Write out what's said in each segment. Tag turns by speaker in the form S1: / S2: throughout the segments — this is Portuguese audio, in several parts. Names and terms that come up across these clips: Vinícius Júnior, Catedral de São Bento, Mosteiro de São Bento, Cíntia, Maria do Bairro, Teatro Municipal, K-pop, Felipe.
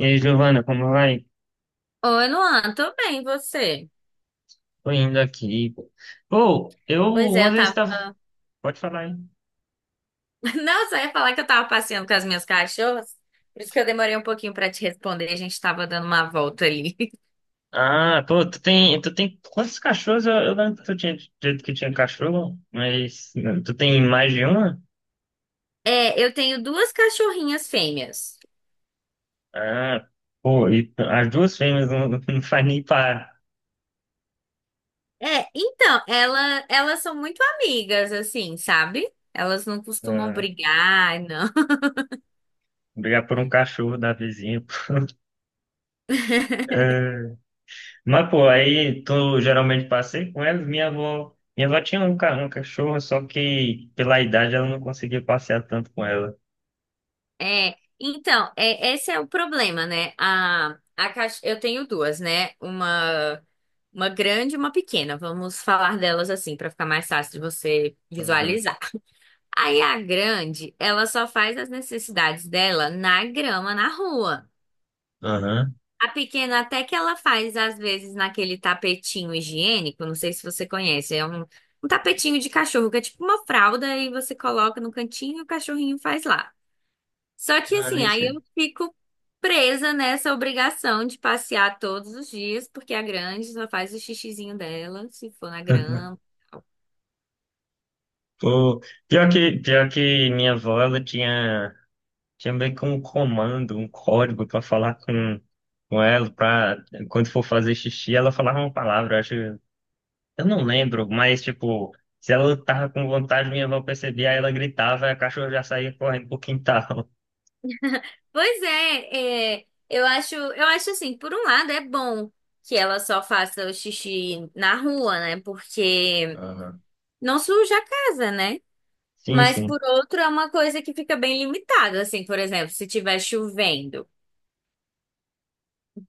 S1: E aí, Giovana, como vai?
S2: Oi, Luan, tudo bem, e você?
S1: Tô indo aqui. Pô, eu
S2: Pois é,
S1: uma
S2: eu
S1: vez
S2: tava.
S1: estava. Pode falar aí.
S2: Não, só ia falar que eu tava passeando com as minhas cachorras, por isso que eu demorei um pouquinho pra te responder, a gente tava dando uma volta ali.
S1: Ah, pô, tu tem quantos cachorros? Eu lembro que tu tinha dito que tinha cachorro, mas tu tem mais de uma?
S2: É, eu tenho duas cachorrinhas fêmeas.
S1: Ah, pô, e as duas fêmeas não, não faz nem pra
S2: É, então, elas são muito amigas, assim, sabe? Elas não costumam
S1: ah,
S2: brigar, não.
S1: brigar por um cachorro da vizinha. Pô. É, mas, pô, aí tu geralmente passei com elas. Minha avó tinha um cachorro, só que pela idade ela não conseguia passear tanto com ela.
S2: É, então, é, esse é o problema, né? A caixa, eu tenho duas, né? Uma grande e uma pequena. Vamos falar delas assim, para ficar mais fácil de você
S1: Uhum.
S2: visualizar. Aí a grande, ela só faz as necessidades dela na grama, na rua.
S1: Aham.
S2: A pequena até que ela faz, às vezes, naquele tapetinho higiênico, não sei se você conhece, é um, um tapetinho de cachorro, que é tipo uma fralda e você coloca no cantinho e o cachorrinho faz lá. Só que
S1: Ah,
S2: assim,
S1: nem
S2: aí
S1: sei.
S2: eu fico presa nessa obrigação de passear todos os dias, porque a grande só faz o xixizinho dela, se for na grama.
S1: Pô, pior que minha avó, ela tinha meio que um comando, um código pra falar com ela, pra quando for fazer xixi, ela falava uma palavra, eu acho, eu não lembro, mas tipo, se ela tava com vontade, minha avó percebia, aí ela gritava, e a cachorra já saía correndo pro quintal.
S2: Pois é, é, eu acho assim, por um lado é bom que ela só faça o xixi na rua, né? Porque
S1: Aham.
S2: não suja a casa, né?
S1: Sim,
S2: Mas
S1: sim.
S2: por outro é uma coisa que fica bem limitada, assim, por exemplo, se tiver chovendo.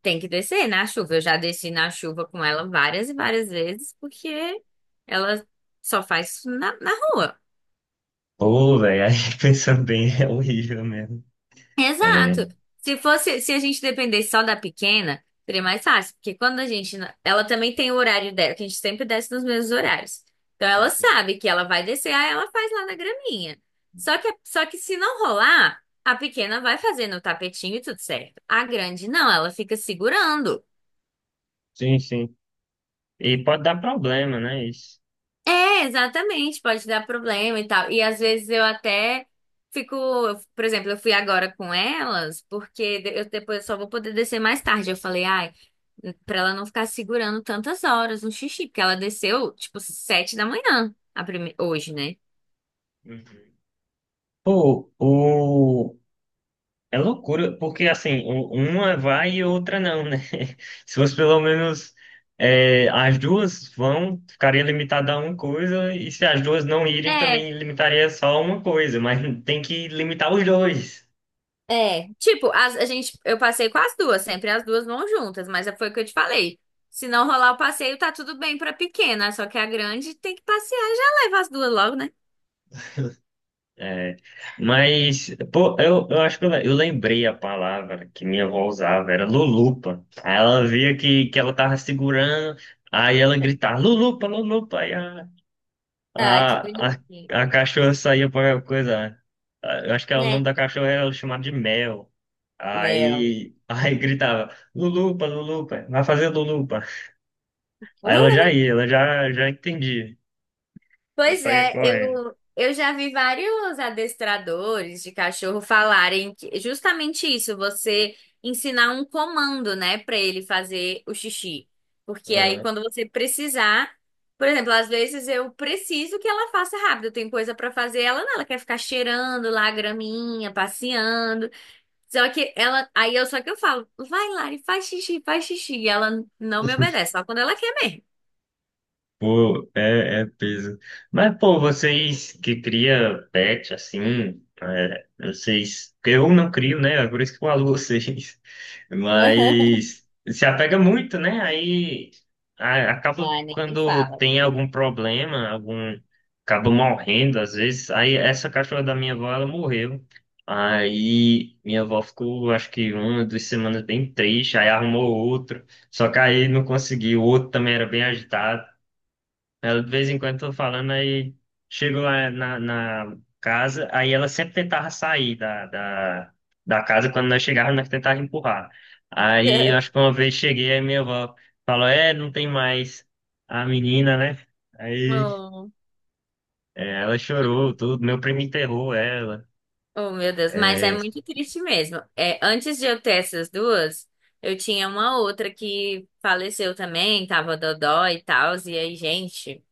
S2: Tem que descer na chuva. Eu já desci na chuva com ela várias e várias vezes, porque ela só faz isso na, na rua.
S1: Pô, velho, aí pensando bem, é horrível mesmo. É.
S2: Exato. Se fosse, se a gente dependesse só da pequena, seria mais fácil, porque quando a gente, não- ela também tem o horário dela, que a gente sempre desce nos mesmos horários. Então ela sabe que ela vai descer, aí ela faz lá na graminha. Só que se não rolar, a pequena vai fazendo o tapetinho e tudo certo. A grande não, ela fica segurando.
S1: Sim, sim. E pode dar problema, né? Isso.
S2: É, exatamente, pode dar problema e tal. E às vezes eu até fico, por exemplo, eu fui agora com elas, porque eu depois só vou poder descer mais tarde. Eu falei, ai, pra ela não ficar segurando tantas horas no xixi, porque ela desceu tipo sete da manhã, hoje, né?
S1: Uhum. Pô, é loucura, porque assim, uma vai e outra não, né? Se fosse pelo menos as duas vão, ficaria limitada a uma coisa, e se as duas não irem,
S2: É,
S1: também limitaria só uma coisa, mas tem que limitar os dois.
S2: é. Tipo, a gente, eu passei com as duas, sempre as duas vão juntas, mas foi o que eu te falei. Se não rolar o passeio, tá tudo bem pra pequena, só que a grande tem que passear, já leva as duas logo, né?
S1: É, mas, pô, eu acho que eu lembrei a palavra que minha avó usava, era lulupa. Aí ela via que ela tava segurando, aí ela gritava, lulupa, lulupa, aí a-
S2: Ah, que
S1: A, a,
S2: bonitinho.
S1: a cachorra saía para coisa. Eu acho que o nome da cachorra era chamado de Mel.
S2: Meu.
S1: Aí, aí gritava, Lulupa, Lulupa, vai fazer Lulupa. Aí ela já ia, ela já entendia. Eu
S2: Pois
S1: saía
S2: é,
S1: correndo.
S2: eu já vi vários adestradores de cachorro falarem que justamente isso, você ensinar um comando, né, para ele fazer o xixi. Porque aí
S1: Aham.
S2: quando você precisar, por exemplo, às vezes eu preciso que ela faça rápido, tem coisa para fazer, ela não, ela quer ficar cheirando lá a graminha, passeando. Só que ela, aí eu só que eu falo, vai Lari, faz xixi, e ela não me obedece, só quando ela quer mesmo.
S1: Pô, é peso. Mas, pô, vocês que cria pet, assim, vocês... porque eu não crio, né? É por isso que eu falo vocês. Mas se apega muito, né? Aí acaba
S2: Ai, nem me
S1: quando
S2: fala.
S1: tem algum problema, algum... Acaba morrendo, às vezes. Aí essa cachorra da minha avó, ela morreu. Aí minha avó ficou, acho que uma, 2 semanas bem triste. Aí arrumou outro. Só que aí não conseguiu. O outro também era bem agitado. Ela, de vez em quando, tô falando, aí chego lá na casa, aí ela sempre tentava sair da casa, quando nós chegávamos, nós tentávamos empurrar. Aí, eu acho que uma vez cheguei, aí minha avó falou, é, não tem mais a menina, né? Aí
S2: Oh,
S1: ela chorou, tudo, meu primo enterrou ela.
S2: oh, meu Deus, mas é
S1: É,
S2: muito triste mesmo. É, antes de eu ter essas duas, eu tinha uma outra que faleceu também, tava dodó e tal, e aí, gente.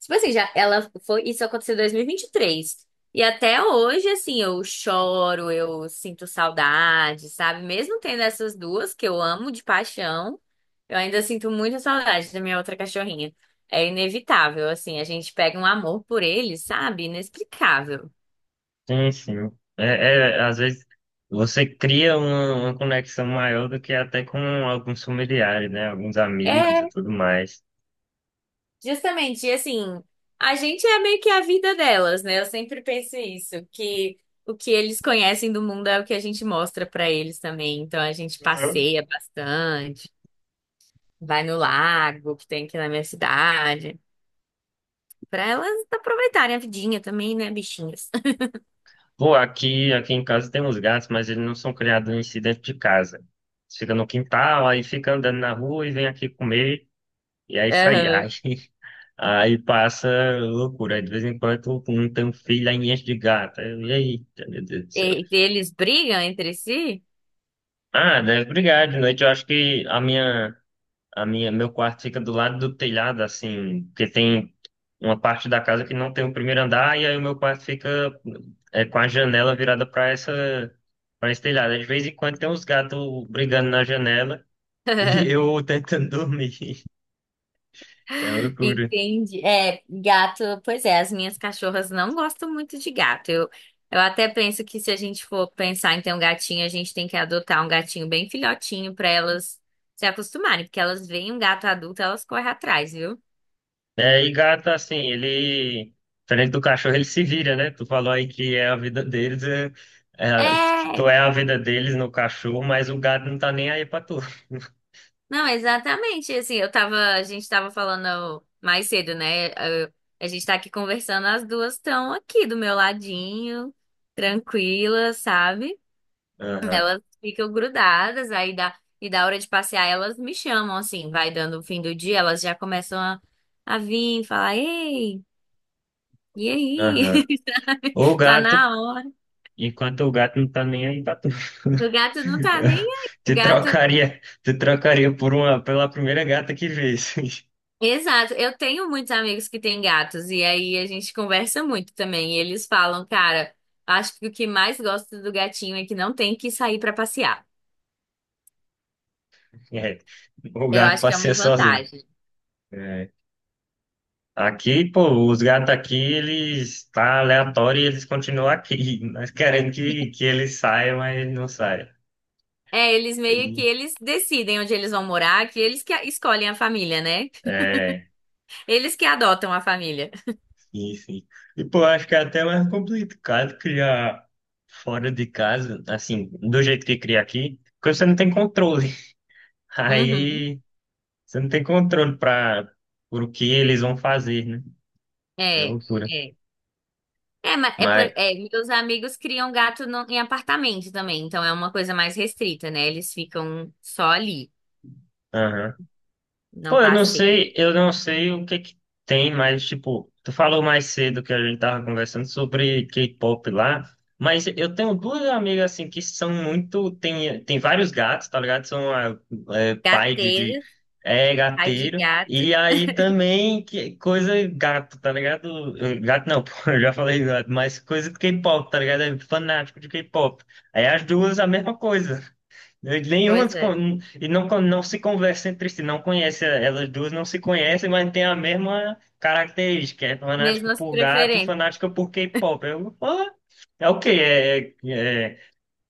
S2: Tipo assim, já ela foi, isso aconteceu em dois mil e vinte e três. E até hoje, assim, eu choro, eu sinto saudade, sabe? Mesmo tendo essas duas que eu amo de paixão, eu ainda sinto muita saudade da minha outra cachorrinha. É inevitável, assim, a gente pega um amor por eles, sabe? Inexplicável.
S1: sim, sim. É, às vezes você cria uma conexão maior do que até com alguns familiares, né? Alguns amigos e
S2: É,
S1: tudo mais.
S2: justamente, e assim, a gente é meio que a vida delas, né? Eu sempre penso isso, que o que eles conhecem do mundo é o que a gente mostra pra eles também. Então a gente passeia bastante, vai no lago que tem aqui na minha cidade, pra elas aproveitarem a vidinha também, né, bichinhas?
S1: Pô, aqui em casa tem uns gatos, mas eles não são criados em si dentro de casa. Eles ficam no quintal, aí fica andando na rua e vem aqui comer, e é isso aí.
S2: Aham.
S1: Aí passa loucura. Aí, de vez em quando eu não tenho um filho, aí enche de gato. Aí, eita, meu Deus do céu.
S2: E eles brigam entre si?
S1: Ah, deve brigar. De noite eu acho que a minha, meu quarto fica do lado do telhado, assim, porque tem uma parte da casa que não tem o primeiro andar, e aí o meu quarto fica com a janela virada para esse telhado. De vez em quando tem uns gatos brigando na janela e eu tentando dormir. É uma loucura.
S2: Entendi. É, gato, pois é, as minhas cachorras não gostam muito de gato. Eu até penso que se a gente for pensar em ter um gatinho, a gente tem que adotar um gatinho bem filhotinho para elas se acostumarem, porque elas veem um gato adulto, elas correm atrás, viu?
S1: É, e gato, assim, ele, diferente do cachorro, ele se vira, né? Tu falou aí que é a vida deles, que tu
S2: É,
S1: é a vida deles no cachorro, mas o gato não tá nem aí pra tu.
S2: não, exatamente. Assim, eu tava, a gente tava falando mais cedo, né? Eu- a gente tá aqui conversando, as duas estão aqui do meu ladinho, tranquilas, sabe?
S1: Aham,
S2: Elas ficam grudadas, aí dá, e da hora de passear, elas me chamam, assim, vai dando o fim do dia, elas já começam a vir, falar, ei, e aí?
S1: aham.
S2: Sabe?
S1: O
S2: Tá
S1: gato
S2: na hora.
S1: Enquanto o gato não tá nem aí pra tu.
S2: O gato não tá nem aí. O
S1: Tu
S2: gato.
S1: trocaria, tu trocaria por pela primeira gata que visse.
S2: Exato. Eu tenho muitos amigos que têm gatos, e aí a gente conversa muito também. E eles falam, cara, acho que o que mais gosto do gatinho é que não tem que sair pra passear.
S1: É, o
S2: Eu
S1: gato
S2: acho que é
S1: passeia
S2: uma
S1: sozinho.
S2: vantagem.
S1: É. Aqui, pô, os gatos aqui, eles tá aleatório e eles continuam aqui. Nós queremos que eles saiam, mas eles não saem.
S2: É, eles meio que
S1: E-
S2: eles decidem onde eles vão morar, que eles que escolhem a família, né?
S1: É,
S2: Eles que adotam a família.
S1: sim, sim. E, pô, acho que é até mais complicado criar fora de casa, assim, do jeito que cria aqui, porque você não tem controle.
S2: Uhum.
S1: Aí. Você não tem controle para por o que eles vão fazer, né? É
S2: É,
S1: loucura.
S2: é. É, mas é,
S1: Mas,
S2: é, meus amigos criam gato em apartamento também, então é uma coisa mais restrita, né? Eles ficam só ali,
S1: aham.
S2: não
S1: Pô, eu não
S2: passeiam.
S1: sei, eu não sei o que que tem, mas tipo, tu falou mais cedo que a gente tava conversando sobre K-pop lá, mas eu tenho duas amigas assim que são muito, tem vários gatos, tá ligado? São é, pai de
S2: Gateiras,
S1: é
S2: ai de
S1: gateiro,
S2: gato,
S1: e aí também que coisa gato, tá ligado? Gato não, pô, eu já falei gato, mas coisa de K-pop, tá ligado? É fanático de K-pop. Aí as duas a mesma coisa. Nenhuma
S2: pois
S1: se
S2: é.
S1: con- e não, não se conversa entre si, não conhece, elas duas não se conhecem, mas tem a mesma característica, é fanática
S2: Mesmas
S1: por gato e
S2: preferências.
S1: fanática por K-pop. É o quê? É, é, é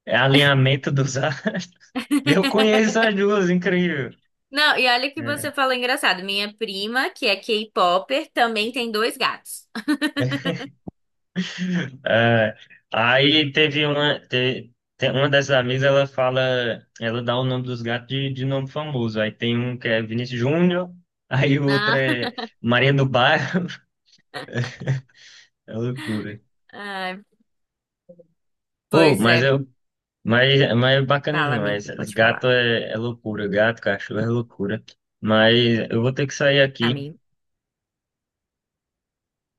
S1: é alinhamento dos astros. Eu conheço as duas, incrível.
S2: Não, e olha que
S1: É,
S2: você falou engraçado. Minha prima, que é K-popper, também tem dois gatos.
S1: é, aí teve uma dessas amigas, ela fala, ela dá o nome dos gatos de nome famoso. Aí tem um que é Vinícius Júnior, aí o outro é Maria do Bairro. É loucura.
S2: Ah, ai,
S1: Pô,
S2: pois
S1: mas
S2: é.
S1: eu, mas, mas é bacana
S2: Fala,
S1: demais.
S2: amigo,
S1: Os
S2: pode
S1: gatos
S2: falar.
S1: é loucura, gato, cachorro é loucura. Mas eu vou ter que sair aqui.
S2: Amigo?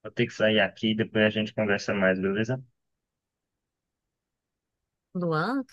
S1: Vou ter que sair aqui, depois a gente conversa mais, beleza?
S2: Luan?